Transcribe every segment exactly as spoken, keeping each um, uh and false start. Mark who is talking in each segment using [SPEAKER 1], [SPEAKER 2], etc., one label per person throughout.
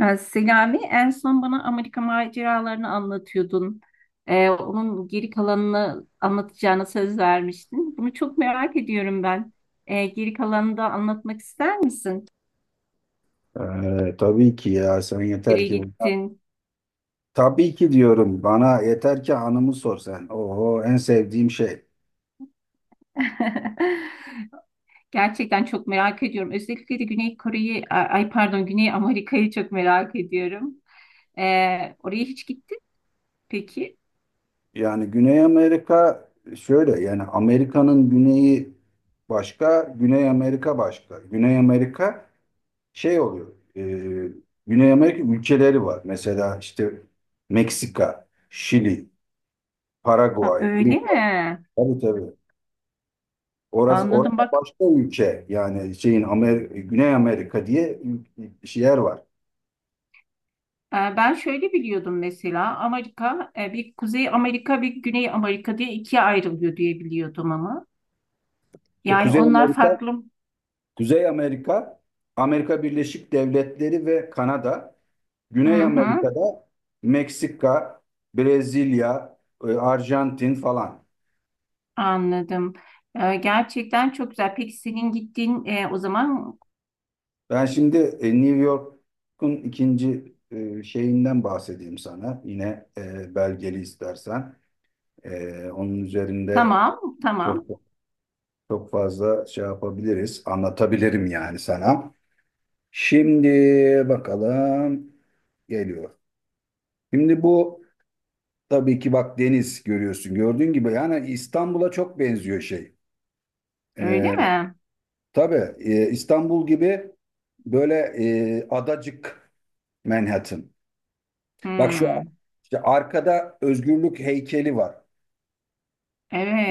[SPEAKER 1] Ee, Selami, en son bana Amerika maceralarını anlatıyordun. Ee, onun geri kalanını anlatacağına söz vermiştin. Bunu çok merak ediyorum ben. Ee, geri kalanını da anlatmak ister misin?
[SPEAKER 2] Ee, tabii ki ya sen yeter
[SPEAKER 1] Nereye
[SPEAKER 2] ki
[SPEAKER 1] gittin?
[SPEAKER 2] tabii ki diyorum bana yeter ki anımı sor sen. Oho en sevdiğim şey.
[SPEAKER 1] Gerçekten çok merak ediyorum. Özellikle de Güney Kore'yi, ay pardon Güney Amerika'yı çok merak ediyorum. Ee, oraya hiç gittin mi peki?
[SPEAKER 2] Yani Güney Amerika şöyle yani Amerika'nın güneyi başka, Güney Amerika başka. Güney Amerika şey oluyor. e, Güney Amerika ülkeleri var. Mesela işte Meksika, Şili,
[SPEAKER 1] Ha,
[SPEAKER 2] Paraguay,
[SPEAKER 1] öyle
[SPEAKER 2] Uruguay.
[SPEAKER 1] mi?
[SPEAKER 2] Tabii tabii. Orası, orası
[SPEAKER 1] Anladım bak.
[SPEAKER 2] başka ülke yani şeyin Amer Güney Amerika diye ül- yer var.
[SPEAKER 1] Ee, Ben şöyle biliyordum mesela Amerika e, bir Kuzey Amerika bir Güney Amerika diye ikiye ayrılıyor diye biliyordum ama.
[SPEAKER 2] İşte
[SPEAKER 1] Yani
[SPEAKER 2] Kuzey
[SPEAKER 1] onlar
[SPEAKER 2] Amerika,
[SPEAKER 1] farklı.
[SPEAKER 2] Kuzey Amerika, Amerika Birleşik Devletleri ve Kanada,
[SPEAKER 1] Hı
[SPEAKER 2] Güney
[SPEAKER 1] hı,
[SPEAKER 2] Amerika'da Meksika, Brezilya, e, Arjantin falan.
[SPEAKER 1] anladım. Ee, Gerçekten çok güzel. Peki senin gittiğin e, o zaman
[SPEAKER 2] Ben şimdi e, New York'un ikinci e, şeyinden bahsedeyim sana. Yine e, belgeli istersen. E, Onun üzerinde
[SPEAKER 1] tamam
[SPEAKER 2] çok
[SPEAKER 1] tamam
[SPEAKER 2] çok fazla şey yapabiliriz, anlatabilirim yani sana. Şimdi bakalım geliyor. Şimdi bu tabii ki, bak, deniz görüyorsun. Gördüğün gibi yani İstanbul'a çok benziyor şey.
[SPEAKER 1] öyle
[SPEAKER 2] Ee,
[SPEAKER 1] mi?
[SPEAKER 2] tabii e, İstanbul gibi böyle e, adacık Manhattan. Bak şu
[SPEAKER 1] Hmm,
[SPEAKER 2] işte arkada özgürlük heykeli var.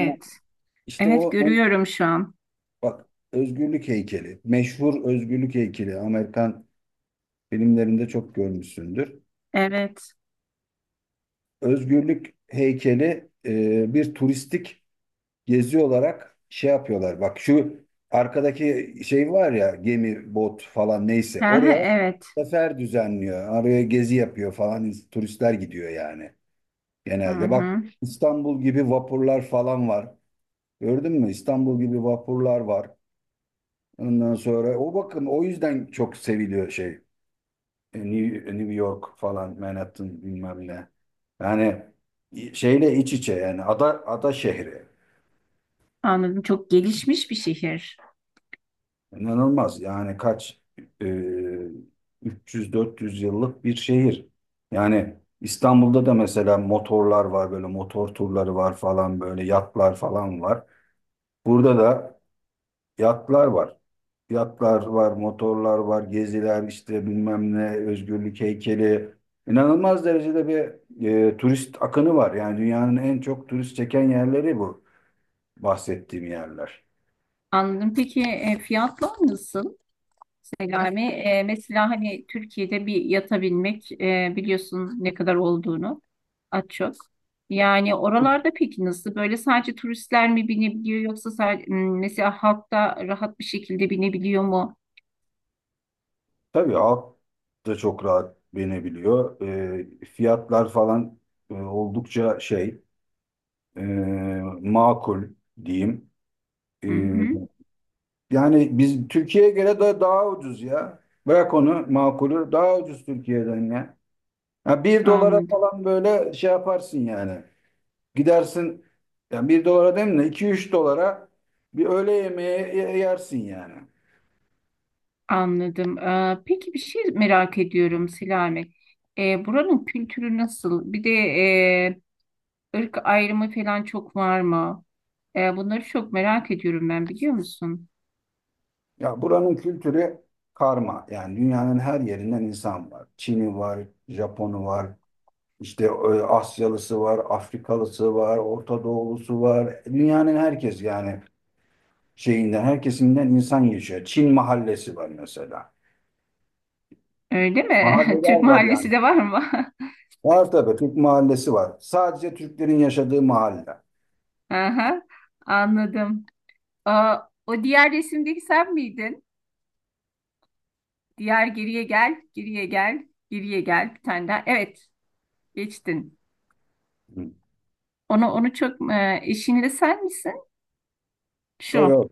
[SPEAKER 2] Ama İşte
[SPEAKER 1] Evet
[SPEAKER 2] o o-
[SPEAKER 1] görüyorum şu an.
[SPEAKER 2] bak özgürlük heykeli. Meşhur özgürlük heykeli. Amerikan filmlerinde çok görmüşsündür.
[SPEAKER 1] Evet.
[SPEAKER 2] Özgürlük heykeli e, bir turistik gezi olarak şey yapıyorlar. Bak şu arkadaki şey var ya gemi, bot falan
[SPEAKER 1] Hı
[SPEAKER 2] neyse
[SPEAKER 1] hı,
[SPEAKER 2] oraya
[SPEAKER 1] evet.
[SPEAKER 2] sefer düzenliyor. Oraya gezi yapıyor falan turistler gidiyor yani
[SPEAKER 1] Hı
[SPEAKER 2] genelde. Bak
[SPEAKER 1] hı,
[SPEAKER 2] İstanbul gibi vapurlar falan var. Gördün mü? İstanbul gibi vapurlar var. Ondan sonra o bakın o yüzden çok seviliyor şey. e, New, New York falan Manhattan bilmem ne. Yani şeyle iç içe yani ada ada şehri.
[SPEAKER 1] anladım. Çok gelişmiş bir şehir.
[SPEAKER 2] İnanılmaz. Yani kaç e, üç yüz dört yüz yıllık bir şehir. Yani İstanbul'da da mesela motorlar var böyle motor turları var falan böyle yatlar falan var. Burada da yatlar var. Yatlar var, motorlar var, geziler işte bilmem ne, özgürlük heykeli. İnanılmaz derecede bir e, turist akını var. Yani dünyanın en çok turist çeken yerleri bu bahsettiğim yerler.
[SPEAKER 1] Anladım. Peki e, fiyatlar nasıl? Yani e, mesela hani Türkiye'de bir yatabilmek e, biliyorsun ne kadar olduğunu az çok. Yani oralarda peki nasıl? Böyle sadece turistler mi binebiliyor yoksa sadece, mesela halk da rahat bir şekilde binebiliyor mu?
[SPEAKER 2] Tabii alt da çok rahat binebiliyor. Ee, fiyatlar falan e, oldukça şey e, makul diyeyim.
[SPEAKER 1] Hı
[SPEAKER 2] Ee,
[SPEAKER 1] hı,
[SPEAKER 2] yani biz Türkiye'ye göre de daha ucuz ya. Bırak onu makulü daha ucuz Türkiye'den ya. Ha, bir dolara
[SPEAKER 1] anladım.
[SPEAKER 2] falan böyle şey yaparsın yani. Gidersin yani bir dolara değil mi? iki üç dolara bir öğle yemeği ye- yersin yani.
[SPEAKER 1] Anladım. Ee, peki bir şey merak ediyorum Selami. Ee, buranın kültürü nasıl? Bir de e, ırk ayrımı falan çok var mı? Ee, bunları çok merak ediyorum ben biliyor musun?
[SPEAKER 2] Ya buranın kültürü karma. Yani dünyanın her yerinden insan var. Çin'i var, Japon'u var, işte e, Asyalısı var, Afrikalısı var, Orta Doğulusu var. Dünyanın herkes yani şeyinden, herkesinden insan yaşıyor. Çin mahallesi var mesela.
[SPEAKER 1] Öyle mi? Türk
[SPEAKER 2] Mahalleler var
[SPEAKER 1] mahallesi
[SPEAKER 2] yani.
[SPEAKER 1] de var mı?
[SPEAKER 2] Var tabii Türk mahallesi var. Sadece Türklerin yaşadığı mahalle.
[SPEAKER 1] Aha, anladım. Aa, o diğer resimdeki sen miydin? Diğer geriye gel, geriye gel, geriye gel bir tane daha. Evet, geçtin.
[SPEAKER 2] Hı.
[SPEAKER 1] Onu onu çok e, eşinle sen misin?
[SPEAKER 2] Yok
[SPEAKER 1] Şu.
[SPEAKER 2] yok.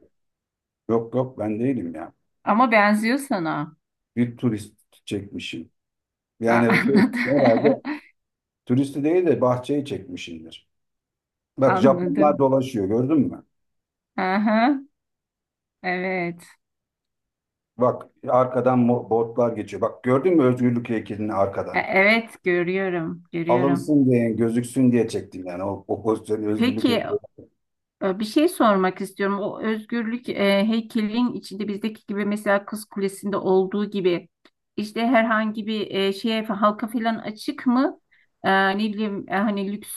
[SPEAKER 2] Yok yok ben değilim ya.
[SPEAKER 1] Ama benziyor sana.
[SPEAKER 2] Bir turist çekmişim.
[SPEAKER 1] Ha,
[SPEAKER 2] Yani şey, herhalde
[SPEAKER 1] anladım.
[SPEAKER 2] turisti değil de bahçeyi çekmişimdir. Bak Japonlar
[SPEAKER 1] Anladım.
[SPEAKER 2] dolaşıyor gördün mü?
[SPEAKER 1] Aha, evet.
[SPEAKER 2] Bak arkadan mo- botlar geçiyor. Bak gördün mü özgürlük heykelini
[SPEAKER 1] E,
[SPEAKER 2] arkadan?
[SPEAKER 1] evet görüyorum, görüyorum.
[SPEAKER 2] Alınsın diye gözüksün diye çektim yani o, o pozisyonu özgürlük
[SPEAKER 1] Peki
[SPEAKER 2] heykeli.
[SPEAKER 1] Ee, bir şey sormak istiyorum. O özgürlük e, heykelin içinde bizdeki gibi mesela Kız Kulesi'nde olduğu gibi işte herhangi bir e, şeye halka falan açık mı? Ee, ne bileyim e, hani lüks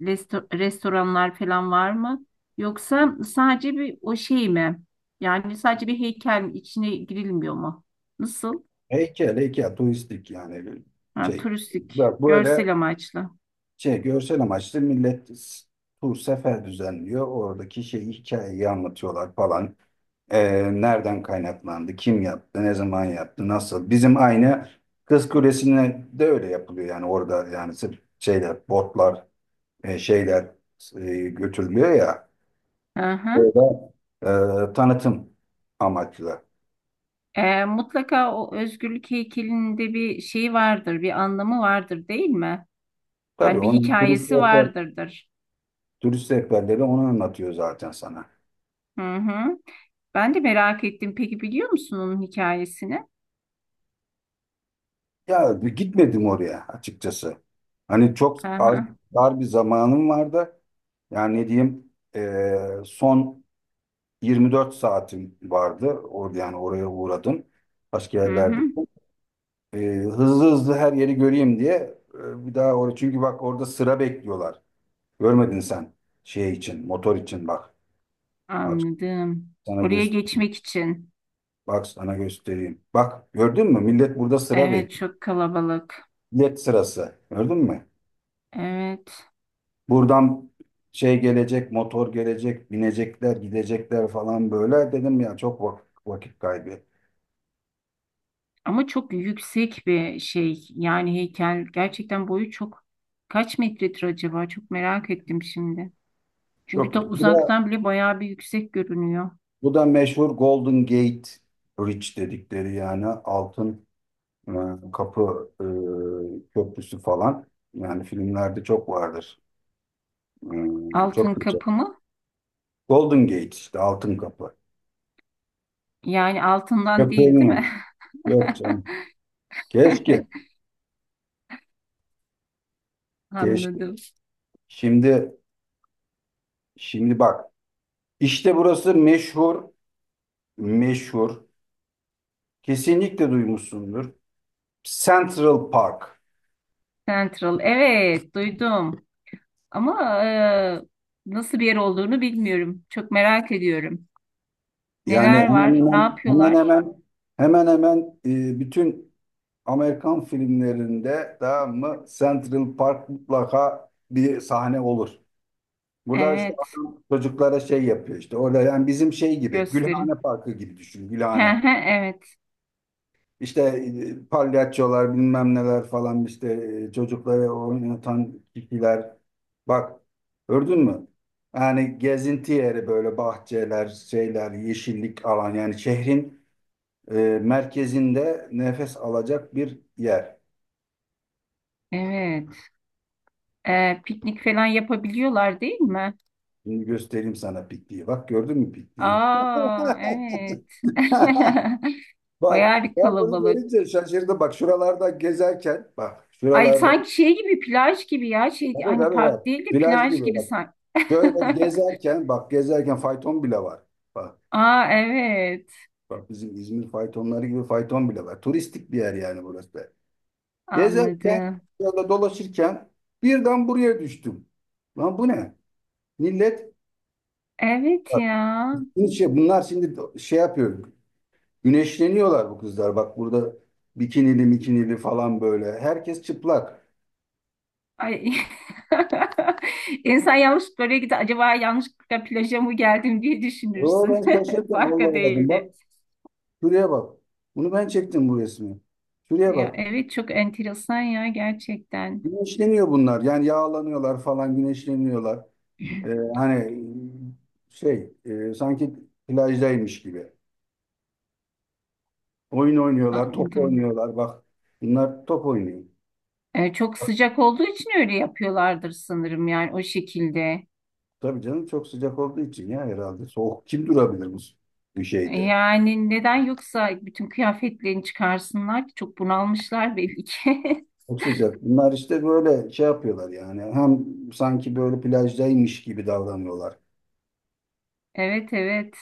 [SPEAKER 1] resto- restoranlar falan var mı? Yoksa sadece bir o şey mi? Yani sadece bir heykel içine girilmiyor mu? Nasıl?
[SPEAKER 2] Heykel heykel turistik yani
[SPEAKER 1] Ha,
[SPEAKER 2] şey.
[SPEAKER 1] turistik,
[SPEAKER 2] Bak böyle
[SPEAKER 1] görsel amaçlı.
[SPEAKER 2] şey görsel amaçlı millet s- tur sefer düzenliyor. Oradaki şey hikayeyi anlatıyorlar falan. Ee, nereden kaynaklandı? Kim yaptı? Ne zaman yaptı? Nasıl? Bizim aynı Kız Kulesi'ne de öyle yapılıyor yani orada yani sırf şeyler botlar e, şeyler e, götürülüyor ya.
[SPEAKER 1] Aha.
[SPEAKER 2] Orada e, tanıtım amaçlı.
[SPEAKER 1] Ee, mutlaka o özgürlük heykelinde bir şey vardır, bir anlamı vardır değil mi?
[SPEAKER 2] Tabii
[SPEAKER 1] Yani bir
[SPEAKER 2] onun turist
[SPEAKER 1] hikayesi
[SPEAKER 2] rehber,
[SPEAKER 1] vardırdır.
[SPEAKER 2] turist rehberleri onu anlatıyor zaten sana.
[SPEAKER 1] Hı hı. Ben de merak ettim. Peki biliyor musun onun hikayesini?
[SPEAKER 2] Ya bir gitmedim oraya açıkçası. Hani çok az
[SPEAKER 1] Aha.
[SPEAKER 2] dar bir zamanım vardı. Yani ne diyeyim e, son yirmi dört saatim vardı. Orada yani oraya uğradım. Başka
[SPEAKER 1] Hı
[SPEAKER 2] yerlerde.
[SPEAKER 1] hı.
[SPEAKER 2] E, hızlı hızlı her yeri göreyim diye e, bir daha oraya çünkü bak orada sıra bekliyorlar. Görmedin sen şey için, motor için bak. Bak
[SPEAKER 1] Anladım.
[SPEAKER 2] sana
[SPEAKER 1] Oraya
[SPEAKER 2] göstereyim.
[SPEAKER 1] geçmek için.
[SPEAKER 2] Bak sana göstereyim. Bak gördün mü? Millet burada sıra
[SPEAKER 1] Evet,
[SPEAKER 2] bekliyor.
[SPEAKER 1] çok kalabalık.
[SPEAKER 2] Millet sırası. Gördün mü?
[SPEAKER 1] Evet.
[SPEAKER 2] Buradan şey gelecek, motor gelecek, binecekler, gidecekler falan böyle. Dedim ya çok vak- vakit kaybı.
[SPEAKER 1] Ama çok yüksek bir şey. Yani heykel gerçekten boyu çok kaç metredir acaba? Çok merak ettim şimdi. Çünkü
[SPEAKER 2] Çok iyi.
[SPEAKER 1] da
[SPEAKER 2] bu da,
[SPEAKER 1] uzaktan bile bayağı bir yüksek görünüyor.
[SPEAKER 2] bu da meşhur Golden Gate Bridge dedikleri yani altın e, kapı e, köprüsü falan. Yani filmlerde çok vardır. E,
[SPEAKER 1] Altın
[SPEAKER 2] çok geçer.
[SPEAKER 1] kapı mı?
[SPEAKER 2] Golden Gate işte altın kapı.
[SPEAKER 1] Yani altından
[SPEAKER 2] Yok
[SPEAKER 1] değil, değil mi?
[SPEAKER 2] görmedim. Yok canım. Keşke. Keşke.
[SPEAKER 1] Anladım.
[SPEAKER 2] Şimdi şimdi bak. İşte burası meşhur meşhur. Kesinlikle duymuşsundur. Central Park.
[SPEAKER 1] Central. Evet, duydum. Ama e, nasıl bir yer olduğunu bilmiyorum. Çok merak ediyorum.
[SPEAKER 2] Yani
[SPEAKER 1] Neler
[SPEAKER 2] hemen
[SPEAKER 1] var? Ne
[SPEAKER 2] hemen
[SPEAKER 1] yapıyorlar?
[SPEAKER 2] hemen hemen hemen e, bütün Amerikan filmlerinde tamam mı Central Park mutlaka bir sahne olur. Burada işte
[SPEAKER 1] Evet,
[SPEAKER 2] adam çocuklara şey yapıyor işte orada yani bizim şey gibi Gülhane
[SPEAKER 1] gösterin.
[SPEAKER 2] Parkı gibi düşün Gülhane.
[SPEAKER 1] Evet,
[SPEAKER 2] İşte e, palyaçolar bilmem neler falan işte e, çocukları oynatan kişiler. Bak gördün mü? Yani gezinti yeri böyle bahçeler, şeyler, yeşillik alan yani şehrin e, merkezinde nefes alacak bir yer.
[SPEAKER 1] evet. E, piknik falan yapabiliyorlar değil mi?
[SPEAKER 2] Şimdi göstereyim sana pikniği. Bak gördün mü pikniği?
[SPEAKER 1] Aa, evet.
[SPEAKER 2] Bak
[SPEAKER 1] Bayağı bir
[SPEAKER 2] ben bunu
[SPEAKER 1] kalabalık.
[SPEAKER 2] görünce şaşırdım. Bak şuralarda gezerken bak
[SPEAKER 1] Ay
[SPEAKER 2] şuralardan
[SPEAKER 1] sanki şey gibi plaj gibi ya şey
[SPEAKER 2] tabii
[SPEAKER 1] hani
[SPEAKER 2] tabii
[SPEAKER 1] park
[SPEAKER 2] bak
[SPEAKER 1] değil de
[SPEAKER 2] plaj
[SPEAKER 1] plaj
[SPEAKER 2] gibi
[SPEAKER 1] gibi
[SPEAKER 2] bak.
[SPEAKER 1] sanki.
[SPEAKER 2] Şöyle gezerken bak gezerken fayton bile var. Bak,
[SPEAKER 1] Aa evet
[SPEAKER 2] bak bizim İzmir faytonları gibi fayton bile var. Turistik bir yer yani burası da. Gezerken
[SPEAKER 1] anladım.
[SPEAKER 2] şöyle dolaşırken birden buraya düştüm. Lan bu ne? Millet
[SPEAKER 1] Evet
[SPEAKER 2] bak,
[SPEAKER 1] ya.
[SPEAKER 2] şimdi şey, bunlar şimdi şey yapıyor. Güneşleniyorlar bu kızlar. Bak burada bikinili mikinili falan böyle. Herkes çıplak.
[SPEAKER 1] Ay. İnsan yanlış böreğe gider. Acaba yanlışlıkla plaja mı geldim diye
[SPEAKER 2] Yo ben
[SPEAKER 1] düşünürsün.
[SPEAKER 2] şaşırdım. Allah
[SPEAKER 1] Farka
[SPEAKER 2] Allah dedim.
[SPEAKER 1] değildi.
[SPEAKER 2] Bak şuraya bak. Bunu ben çektim bu resmi. Şuraya
[SPEAKER 1] Ya,
[SPEAKER 2] bak.
[SPEAKER 1] evet çok enteresan ya gerçekten.
[SPEAKER 2] Güneşleniyor bunlar. Yani yağlanıyorlar falan güneşleniyorlar. Ee, hani şey e, sanki plajdaymış gibi. Oyun oynuyorlar, top
[SPEAKER 1] Anladım.
[SPEAKER 2] oynuyorlar. Bak bunlar top oynuyor.
[SPEAKER 1] E, çok sıcak olduğu için öyle yapıyorlardır sanırım yani o şekilde.
[SPEAKER 2] Tabii canım çok sıcak olduğu için ya herhalde. Soğuk kim durabilir bu, bu
[SPEAKER 1] E,
[SPEAKER 2] şeyde?
[SPEAKER 1] Yani neden yoksa bütün kıyafetlerini çıkarsınlar ki çok bunalmışlar belli ki.
[SPEAKER 2] Çok sıcak. Bunlar işte böyle şey yapıyorlar yani. Hem sanki böyle plajdaymış gibi davranıyorlar.
[SPEAKER 1] Evet evet.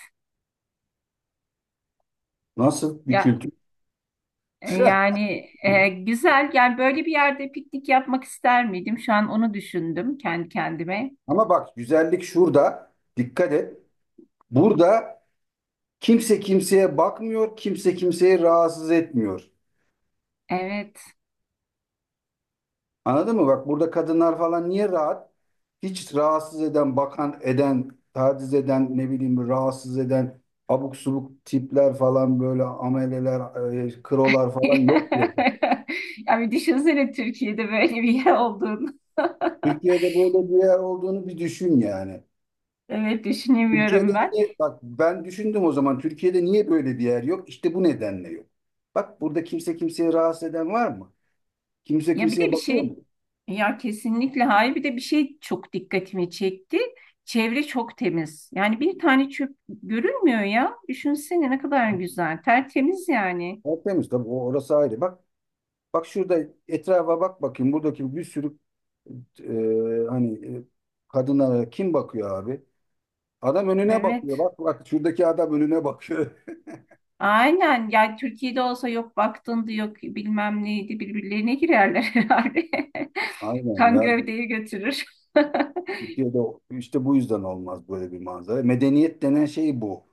[SPEAKER 2] Nasıl bir
[SPEAKER 1] Ya
[SPEAKER 2] kültür?
[SPEAKER 1] E, Yani e, güzel. Yani böyle bir yerde piknik yapmak ister miydim? Şu an onu düşündüm kendi kendime.
[SPEAKER 2] Ama bak güzellik şurada. Dikkat et. Burada kimse kimseye bakmıyor, kimse kimseyi rahatsız etmiyor.
[SPEAKER 1] Evet.
[SPEAKER 2] Anladın mı? Bak burada kadınlar falan niye rahat? Hiç rahatsız eden, bakan eden, taciz eden, ne bileyim rahatsız eden abuk subuk tipler falan böyle ameleler, e, krolar falan yok diye.
[SPEAKER 1] Yani düşünsene Türkiye'de böyle bir yer olduğunu.
[SPEAKER 2] Türkiye'de böyle bir yer olduğunu bir düşün yani.
[SPEAKER 1] Evet
[SPEAKER 2] Türkiye'de
[SPEAKER 1] düşünemiyorum ben.
[SPEAKER 2] niye, bak ben düşündüm o zaman Türkiye'de niye böyle bir yer yok? İşte bu nedenle yok. Bak burada kimse kimseye rahatsız eden var mı? Kimse
[SPEAKER 1] Ya bir de
[SPEAKER 2] kimseye
[SPEAKER 1] bir
[SPEAKER 2] bakıyor mu?
[SPEAKER 1] şey ya kesinlikle hayır bir de bir şey çok dikkatimi çekti. Çevre çok temiz. Yani bir tane çöp görünmüyor ya. Düşünsene ne kadar güzel. Tertemiz yani.
[SPEAKER 2] Tertemiz tabii o- orası ayrı. Bak Bak şurada etrafa bak bakayım. Buradaki bir sürü e, hani e, kadınlara kim bakıyor abi? Adam önüne bakıyor.
[SPEAKER 1] Evet.
[SPEAKER 2] Bak bak şuradaki adam önüne bakıyor.
[SPEAKER 1] Aynen. Ya Türkiye'de olsa yok baktındı yok bilmem neydi birbirlerine girerler herhalde.
[SPEAKER 2] Aynen
[SPEAKER 1] Kan
[SPEAKER 2] ya.
[SPEAKER 1] gövdeyi götürür.
[SPEAKER 2] Türkiye'de işte bu yüzden olmaz böyle bir manzara. Medeniyet denen şey bu.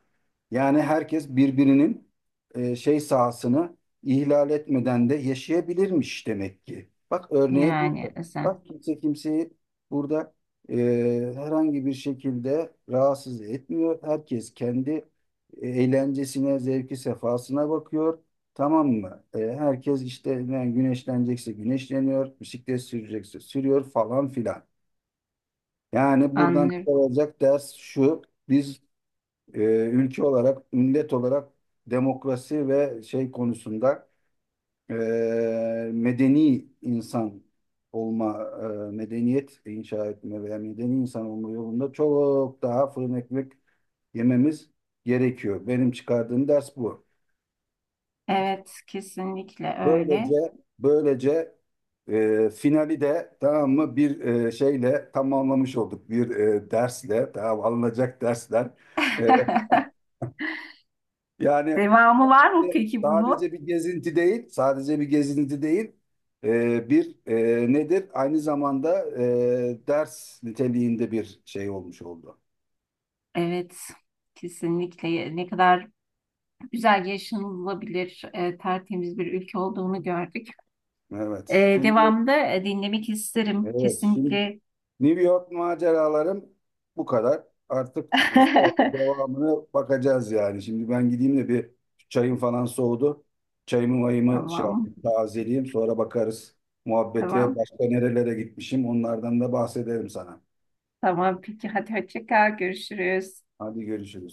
[SPEAKER 2] Yani herkes birbirinin e, şey sahasını ihlal etmeden de yaşayabilirmiş demek ki. Bak örneğe burada.
[SPEAKER 1] Yani sen
[SPEAKER 2] Bak kimse kimseyi burada e, herhangi bir şekilde rahatsız etmiyor. Herkes kendi eğlencesine, zevki, sefasına bakıyor. Tamam mı? E, herkes işte yani güneşlenecekse güneşleniyor, bisiklet sürecekse sürüyor falan filan. Yani buradan
[SPEAKER 1] anlıyorum.
[SPEAKER 2] çıkarılacak ders şu. Biz e, ülke olarak, millet olarak demokrasi ve şey konusunda e, medeni insan olma, e, medeniyet inşa etme veya medeni insan olma yolunda çok daha fırın ekmek yememiz gerekiyor. Benim çıkardığım ders bu.
[SPEAKER 1] Evet kesinlikle
[SPEAKER 2] Böylece
[SPEAKER 1] öyle.
[SPEAKER 2] böylece e, finali de tamam mı bir e, şeyle tamamlamış olduk. Bir e, dersle tamam alınacak dersler. e, Yani
[SPEAKER 1] Devamı var mı peki bunun?
[SPEAKER 2] sadece bir gezinti değil, sadece bir gezinti değil, e, bir e, nedir? Aynı zamanda e, ders niteliğinde bir şey olmuş oldu.
[SPEAKER 1] Evet, kesinlikle Ya, ne kadar güzel yaşanılabilir, e, tertemiz bir ülke olduğunu gördük.
[SPEAKER 2] Evet,
[SPEAKER 1] E,
[SPEAKER 2] şimdi
[SPEAKER 1] devamında e, dinlemek isterim
[SPEAKER 2] evet, şimdi
[SPEAKER 1] kesinlikle.
[SPEAKER 2] New York maceralarım bu kadar. Artık e, sonra devamını bakacağız yani. Şimdi ben gideyim de bir çayım falan soğudu. Çayımı mayımı şey
[SPEAKER 1] Tamam,
[SPEAKER 2] yapayım, tazeleyeyim. Sonra bakarız muhabbete
[SPEAKER 1] tamam,
[SPEAKER 2] başka nerelere gitmişim. Onlardan da bahsederim sana.
[SPEAKER 1] tamam. Peki hadi hoşça kal, görüşürüz.
[SPEAKER 2] Hadi görüşürüz.